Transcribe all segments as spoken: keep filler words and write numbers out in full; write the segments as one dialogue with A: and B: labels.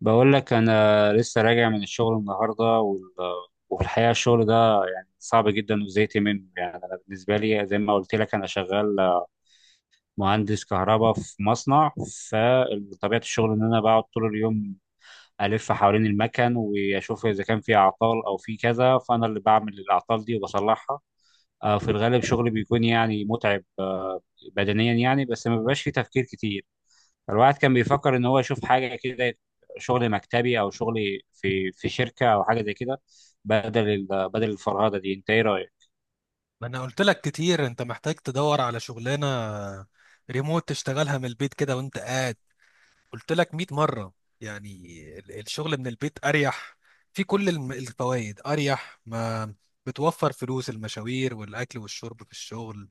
A: بقول لك انا لسه راجع من الشغل النهارده وال... وفي الحقيقه الشغل ده صعب جدا وزهقت منه. يعني انا بالنسبه لي زي ما قلت لك انا شغال مهندس كهرباء في مصنع. فطبيعه الشغل ان انا بقعد طول اليوم الف حوالين المكن واشوف اذا كان في اعطال او في كذا، فانا اللي بعمل الاعطال دي وبصلحها. آه، في الغالب شغلي بيكون يعني متعب آه، بدنيا يعني، بس ما بيبقاش فيه تفكير كتير. الواحد كان بيفكر ان هو يشوف حاجه كده، شغل مكتبي او شغل في في شركه او حاجه زي كده، بدل ال- بدل الفرهده دي. انت ايه رايك؟
B: ما انا قلت لك كتير، انت محتاج تدور على شغلانه ريموت تشتغلها من البيت كده وانت قاعد. قلت لك مية مره. يعني ال- الشغل من البيت اريح في كل الم- الفوائد. اريح ما بتوفر فلوس المشاوير والاكل والشرب في الشغل.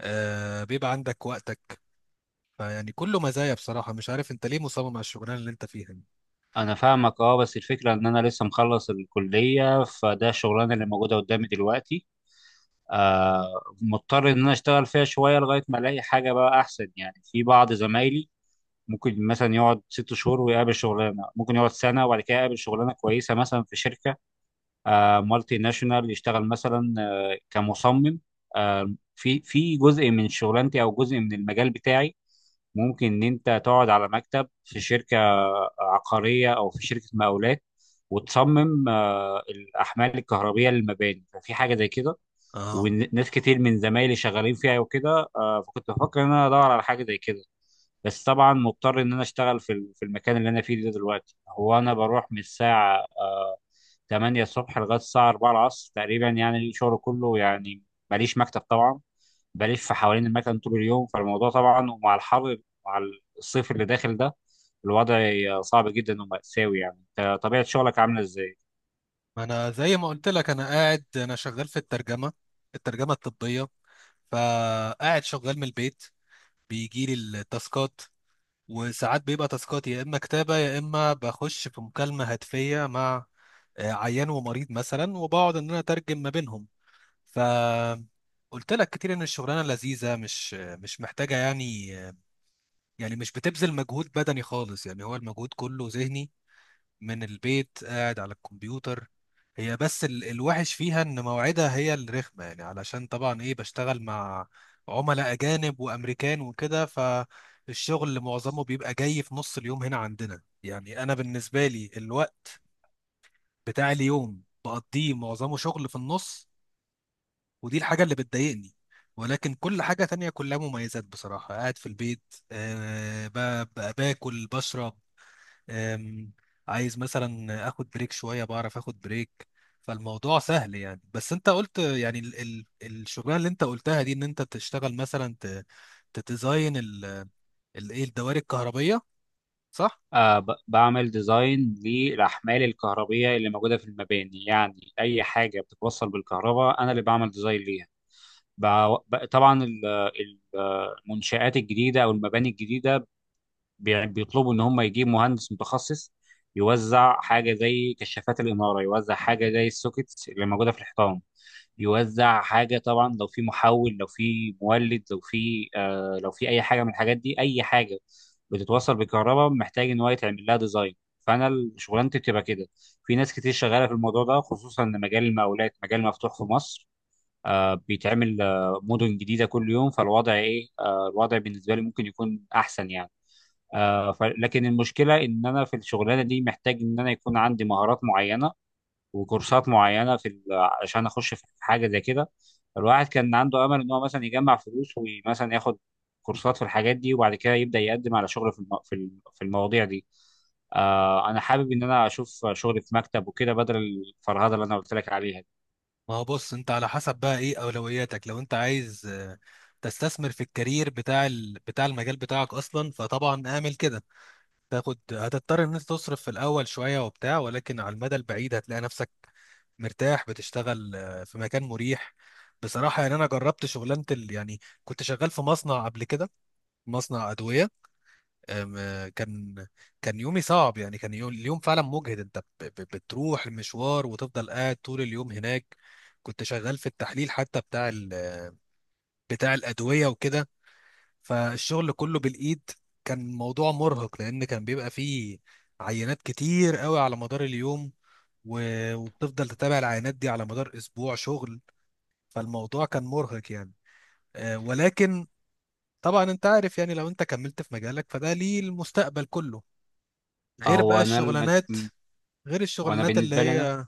B: آه بيبقى عندك وقتك. فيعني كله مزايا بصراحه، مش عارف انت ليه مصمم على الشغلانه اللي انت فيها دي.
A: انا فاهمك اه، بس الفكره ان انا لسه مخلص الكليه، فده الشغلانه اللي موجوده قدامي دلوقتي. آه، مضطر ان انا اشتغل فيها شويه لغايه ما الاقي حاجه بقى احسن. يعني في بعض زمايلي ممكن مثلا يقعد ست شهور ويقابل شغلانه، ممكن يقعد سنه وبعد كده يقابل شغلانه كويسه مثلا في شركه آه، مالتي ناشونال، يشتغل مثلا آه، كمصمم. آه، في في جزء من شغلانتي او جزء من المجال بتاعي ممكن ان انت تقعد على مكتب في شركه عقاريه او في شركه مقاولات وتصمم آه، الاحمال الكهربيه للمباني. ففي حاجه زي كده
B: اه،
A: وناس كتير من زمايلي شغالين فيها وكده آه، فكنت بفكر ان انا ادور على حاجه زي كده. بس طبعا مضطر ان انا اشتغل في ال- في المكان اللي انا فيه ده دلوقتي. هو انا بروح من الساعه آه، ثمانية الصبح لغايه الساعه أربعة العصر تقريبا. يعني الشغل كله يعني ماليش مكتب طبعا، بلف حوالين المكان طول اليوم. فالموضوع طبعا ومع الحر، مع الصيف اللي داخل ده، الوضع صعب جدا ومأساوي. يعني أنت طبيعه شغلك عامله ازاي؟
B: ما انا زي ما قلت لك انا قاعد، انا شغال في الترجمه، الترجمه الطبيه، فقاعد شغال من البيت. بيجي لي التاسكات، وساعات بيبقى تاسكات يا اما كتابه يا اما بخش في مكالمه هاتفيه مع آه، عيان ومريض مثلا، وبقعد ان انا اترجم ما بينهم. ف قلت لك كتير ان الشغلانه لذيذه، مش مش محتاجه يعني. يعني مش بتبذل مجهود بدني خالص، يعني هو المجهود كله ذهني. من البيت قاعد على الكمبيوتر. هي بس ال- الوحش فيها ان مواعيدها هي الرخمه، يعني علشان طبعا ايه بشتغل مع عملاء اجانب وامريكان وكده. فالشغل معظمه بيبقى جاي في نص اليوم هنا عندنا. يعني انا بالنسبه لي الوقت بتاع اليوم بقضيه معظمه شغل في النص، ودي الحاجه اللي بتضايقني. ولكن كل حاجة تانية كلها مميزات بصراحة. قاعد في البيت، أه، ب- ب- باكل بشرب. أم، عايز مثلا اخد بريك شويه بعرف اخد بريك. فالموضوع سهل يعني. بس انت قلت يعني ال ال الشغلانه اللي انت قلتها دي ان انت تشتغل مثلا، ت- تديزاين ال- ال- ايه الدوائر الكهربيه، صح؟
A: آه، ب- بعمل ديزاين للأحمال الكهربية اللي موجودة في المباني. يعني أي حاجة بتتوصل بالكهرباء أنا اللي بعمل ديزاين ليها. بع- ب- طبعا ال- ال- المنشآت الجديدة أو المباني الجديدة بي- بيطلبوا ان هم يجيبوا مهندس متخصص يوزع حاجه زي كشافات الاناره، يوزع حاجه زي السوكيتس اللي موجوده في الحيطان، يوزع حاجه طبعا لو في محول، لو في مولد، لو في آه، لو في اي حاجه من الحاجات دي. اي حاجه بتتوصل بالكهرباء محتاج ان هو يتعمل لها ديزاين. فانا ال- شغلانتي بتبقى كده. في ناس كتير شغاله في الموضوع ده، خصوصا ان مجال المقاولات مجال مفتوح في مصر. آه، بيتعمل آه، مدن جديده كل يوم. فالوضع ايه آه، الوضع بالنسبه لي ممكن يكون احسن يعني. آه، ف- لكن المشكله ان انا في الشغلانه دي محتاج ان انا يكون عندي مهارات معينه وكورسات معينه في ال- عشان اخش في حاجه زي كده. الواحد كان عنده امل ان هو مثلا يجمع فلوس ومثلا ياخد كورسات في الحاجات دي، وبعد كده يبدا يقدم على شغل في الم- في الم- في المواضيع دي. آه، انا حابب ان انا اشوف شغل في مكتب وكده بدل الفرهده اللي انا قلت لك عليها دي.
B: ما هو بص، انت على حسب بقى ايه اولوياتك. لو انت عايز آه، تستثمر في الكارير بتاع ال بتاع المجال بتاعك اصلا، فطبعا اعمل كده. تاخد هتضطر ان انت تصرف في الاول شويه وبتاع، ولكن على المدى البعيد هتلاقي نفسك مرتاح بتشتغل آه، في مكان مريح. بصراحه يعني انا جربت شغلانه ال... يعني كنت شغال في مصنع قبل كده، مصنع ادويه. آم، آه، كان كان يومي صعب يعني. كان يوم... اليوم فعلا مجهد. انت ب... ب... بتروح المشوار وتفضل قاعد طول اليوم هناك. كنت شغال في التحليل حتى بتاع ال... آه، بتاع الادويه وكده، فالشغل كله بالايد. كان موضوع مرهق لان كان بيبقى فيه عينات كتير قوي على مدار اليوم، و- وبتفضل تتابع العينات دي على مدار اسبوع شغل. فالموضوع كان مرهق يعني. آه، ولكن طبعا انت عارف يعني، لو انت كملت في مجالك فده ليه المستقبل كله، غير بقى
A: هو انا المج...
B: الشغلانات، غير
A: وانا
B: الشغلانات اللي
A: بالنسبه لي انا
B: هي.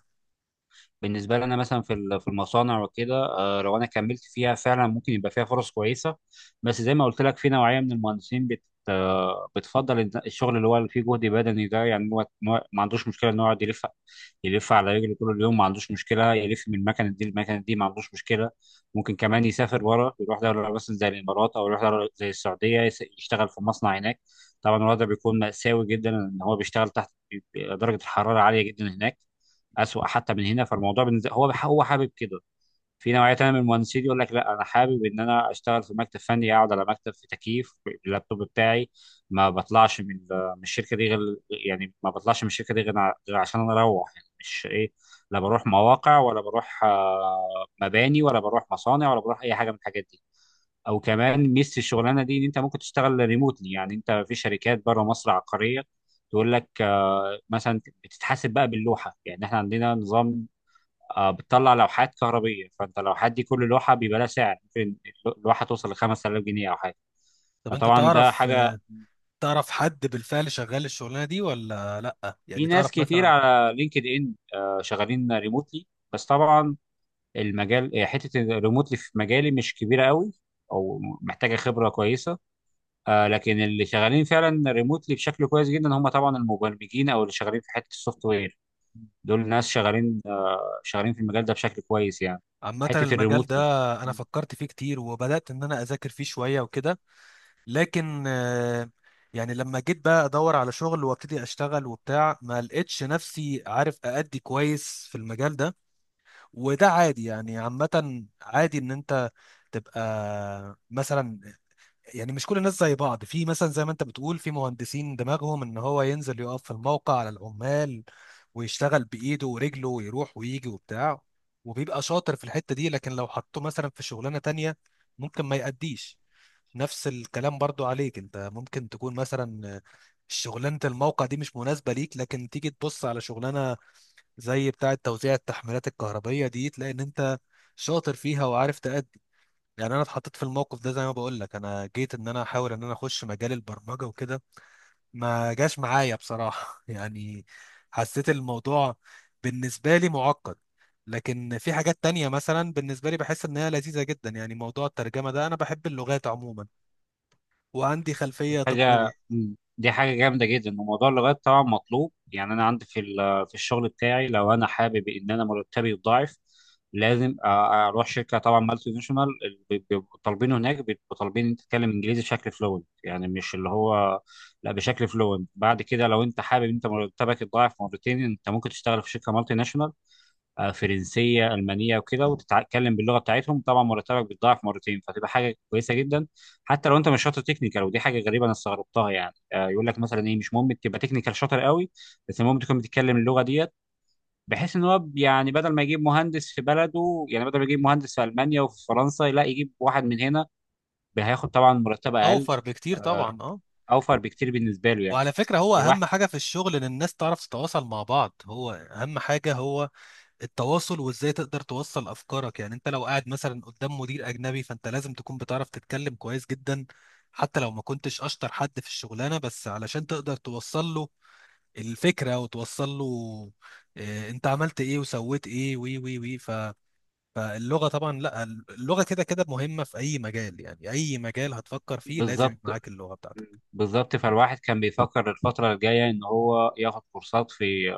A: بالنسبه لي انا مثلا في ال- في المصانع وكده آه، لو انا كملت فيها فعلا ممكن يبقى فيها فرص كويسه. بس زي ما قلت لك في نوعيه من المهندسين بت آه، بتفضل الد- الشغل اللي هو اللي فيه جهد بدني ده. يعني هو إن هو ما عندوش مشكله ان هو يقعد يلف يلف على رجله طول اليوم، ما عندوش مشكله يلف من المكنه دي للمكنه دي، ما عندوش مشكله. ممكن كمان يسافر بره، يروح دوله مثلا زي الامارات او يروح دوله زي السعوديه، يس- يشتغل في مصنع هناك. طبعا الوضع بيكون مأساوي جدا ان هو بيشتغل تحت، بيبقى درجه الحراره عاليه جدا هناك، اسوأ حتى من هنا. فالموضوع بالنسبه هو هو حابب كده. في نوعيه تانيه من المهندسين يقول لك لا انا حابب ان انا اشتغل في مكتب فني، اقعد على مكتب في تكييف، اللابتوب بتاعي، ما بطلعش من من الشركه دي غير، يعني ما بطلعش من الشركه دي غير ع- غير عشان انا اروح. يعني مش ايه، لا بروح مواقع ولا بروح آه، مباني ولا بروح مصانع ولا بروح اي حاجه من الحاجات دي. او كمان ميزه الشغلانه دي ان انت ممكن تشتغل ريموتلي. يعني انت في شركات بره مصر عقاريه تقول لك آه، مثلا بتتحاسب بقى باللوحه. يعني احنا عندنا نظام آه، بتطلع لوحات كهربيه، فانت اللوحات دي كل لوحه بيبقى لها سعر، ممكن اللوحه توصل ل خمسة آلاف جنيه او حاجه.
B: طب انت
A: فطبعا ده
B: تعرف،
A: حاجه،
B: تعرف حد بالفعل شغال الشغلانة دي ولا لا؟
A: في
B: يعني
A: ناس
B: تعرف
A: كتير
B: مثلا
A: على لينكد ان آه، شغالين ريموتلي. بس طبعا المجال، حته الريموتلي في مجالي مش كبيره قوي، او محتاجه خبره كويسه. آه، لكن اللي شغالين فعلا ريموتلي بشكل كويس جدا هم طبعا المبرمجين او اللي شغالين في حته السوفت وير. دول ناس شغالين آه، شغالين في المجال ده بشكل كويس يعني،
B: عامة
A: حته
B: المجال ده؟
A: الريموتلي.
B: أنا فكرت فيه كتير وبدأت إن أنا أذاكر فيه شوية وكده، لكن آه، يعني لما جيت بقى أدور على شغل وأبتدي أشتغل وبتاع، ما لقيتش نفسي عارف أأدي كويس في المجال ده. وده عادي يعني، عامة عادي إن أنت تبقى مثلا، يعني مش كل الناس زي بعض. في مثلا زي ما انت بتقول في مهندسين دماغهم ان هو ينزل يقف في الموقع على العمال ويشتغل بايده ورجله ويروح ويجي وبتاع، وبيبقى شاطر في الحتة دي، لكن لو حطوه مثلا في شغلانة تانية ممكن ما يأديش. نفس الكلام برضو عليك، انت ممكن تكون مثلا شغلانة الموقع دي مش مناسبة ليك، لكن تيجي تبص على شغلانة زي بتاعة توزيع التحميلات الكهربية دي تلاقي ان انت شاطر فيها وعارف تأدي. يعني انا اتحطيت في الموقف ده، زي ما بقول لك انا جيت ان انا احاول ان انا اخش مجال البرمجه وكده، ما جاش معايا بصراحه يعني. حسيت الموضوع بالنسبه لي معقد. لكن في حاجات تانية مثلا بالنسبه لي بحس ان هي لذيذه جدا، يعني موضوع الترجمه ده انا بحب اللغات عموما وعندي
A: دي
B: خلفيه طبيه.
A: حاجة مم. دي حاجة جامدة جدا. وموضوع اللغات طبعا مطلوب. يعني أنا عندي في ال- في الشغل بتاعي لو أنا حابب إن أنا مرتبي يتضاعف لازم أ- أروح شركة طبعا مالتي ناشونال اللي بي- بيبقوا طالبينه. هناك بيبقوا طالبين إن أنت تتكلم إنجليزي بشكل فلوينت. يعني مش اللي هو لا، بشكل فلوينت. بعد كده لو أنت حابب إن أنت مرتبك يتضاعف مرتين، أنت ممكن تشتغل في شركة مالتي ناشونال آه، فرنسيه، المانيه وكده، وتتكلم باللغه بتاعتهم، طبعا مرتبك بيتضاعف مرتين، فتبقى حاجه كويسه جدا حتى لو انت مش شاطر تكنيكال. ودي حاجه غريبه انا استغربتها يعني، آه، يقول لك مثلا ايه مش مهم تبقى تكنيكال شاطر قوي، بس المهم تكون بتتكلم اللغه ديت، بحيث ان هو يعني بدل ما يجيب مهندس في بلده، يعني بدل ما يجيب مهندس في المانيا وفي فرنسا، لا يجيب واحد من هنا، هياخد طبعا مرتب اقل،
B: اوفر بكتير طبعا، اه.
A: اوفر بكتير بالنسبه له يعني.
B: وعلى فكره هو اهم
A: الواحد
B: حاجه في الشغل ان الناس تعرف تتواصل مع بعض، هو اهم حاجه هو التواصل وازاي تقدر توصل افكارك. يعني انت لو قاعد مثلا قدام مدير اجنبي، فانت لازم تكون بتعرف تتكلم كويس جدا حتى لو ما كنتش اشطر حد في الشغلانه، بس علشان تقدر توصل له الفكره، وتوصل له آه، انت عملت ايه وسويت ايه وي وي وي ف فاللغه طبعا، لا، اللغه كده كده مهمه في اي مجال. يعني اي مجال هتفكر فيه لازم يبقى
A: بالظبط،
B: معاك اللغه بتاعتك.
A: بالظبط، فالواحد كان بيفكر الفترة الجاية إن هو ياخد كورسات في،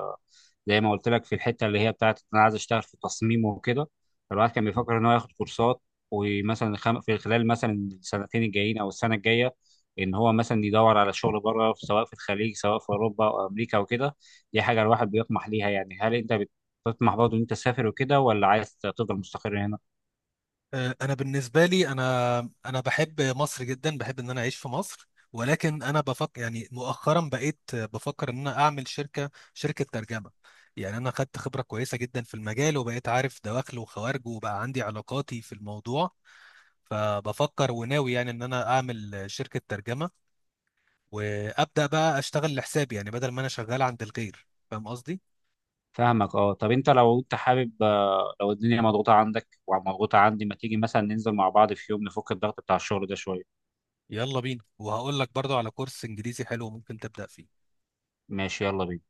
A: زي ما قلت لك في الحته اللي هي بتاعت إن انا عايز اشتغل في التصميم وكده. فالواحد كان بيفكر ان هو ياخد كورسات ومثلا خم... في خلال مثلا السنتين الجايين او السنه الجايه ان هو مثلا يدور على شغل بره، سواء في الخليج سواء في اوروبا او امريكا وكده. دي حاجه الواحد بيطمح ليها. يعني هل انت بتطمح برضه ان انت تسافر وكده، ولا عايز تفضل مستقر هنا؟
B: آه، انا بالنسبه لي انا انا بحب مصر جدا، بحب ان انا اعيش في مصر. ولكن انا بفكر يعني مؤخرا بقيت آه، بفكر ان انا اعمل شركه، شركه ترجمه. يعني انا خدت خبره كويسه جدا في المجال وبقيت عارف دواخله وخوارجه وبقى عندي علاقاتي في الموضوع. فبفكر وناوي يعني ان انا اعمل آه، شركه ترجمه، وابدا بقى اشتغل لحسابي، يعني بدل ما انا شغال عند الغير، فاهم قصدي؟
A: فاهمك اه، طب انت لو انت حابب آه، لو الدنيا مضغوطه عندك ومضغوطه عندي، ما تيجي مثلا ننزل مع بعض في يوم نفك الضغط بتاع الشغل ده شويه؟
B: يلا بينا، وهقول لك برضو على كورس انجليزي حلو ممكن تبدا فيه.
A: ماشي، يلا بينا.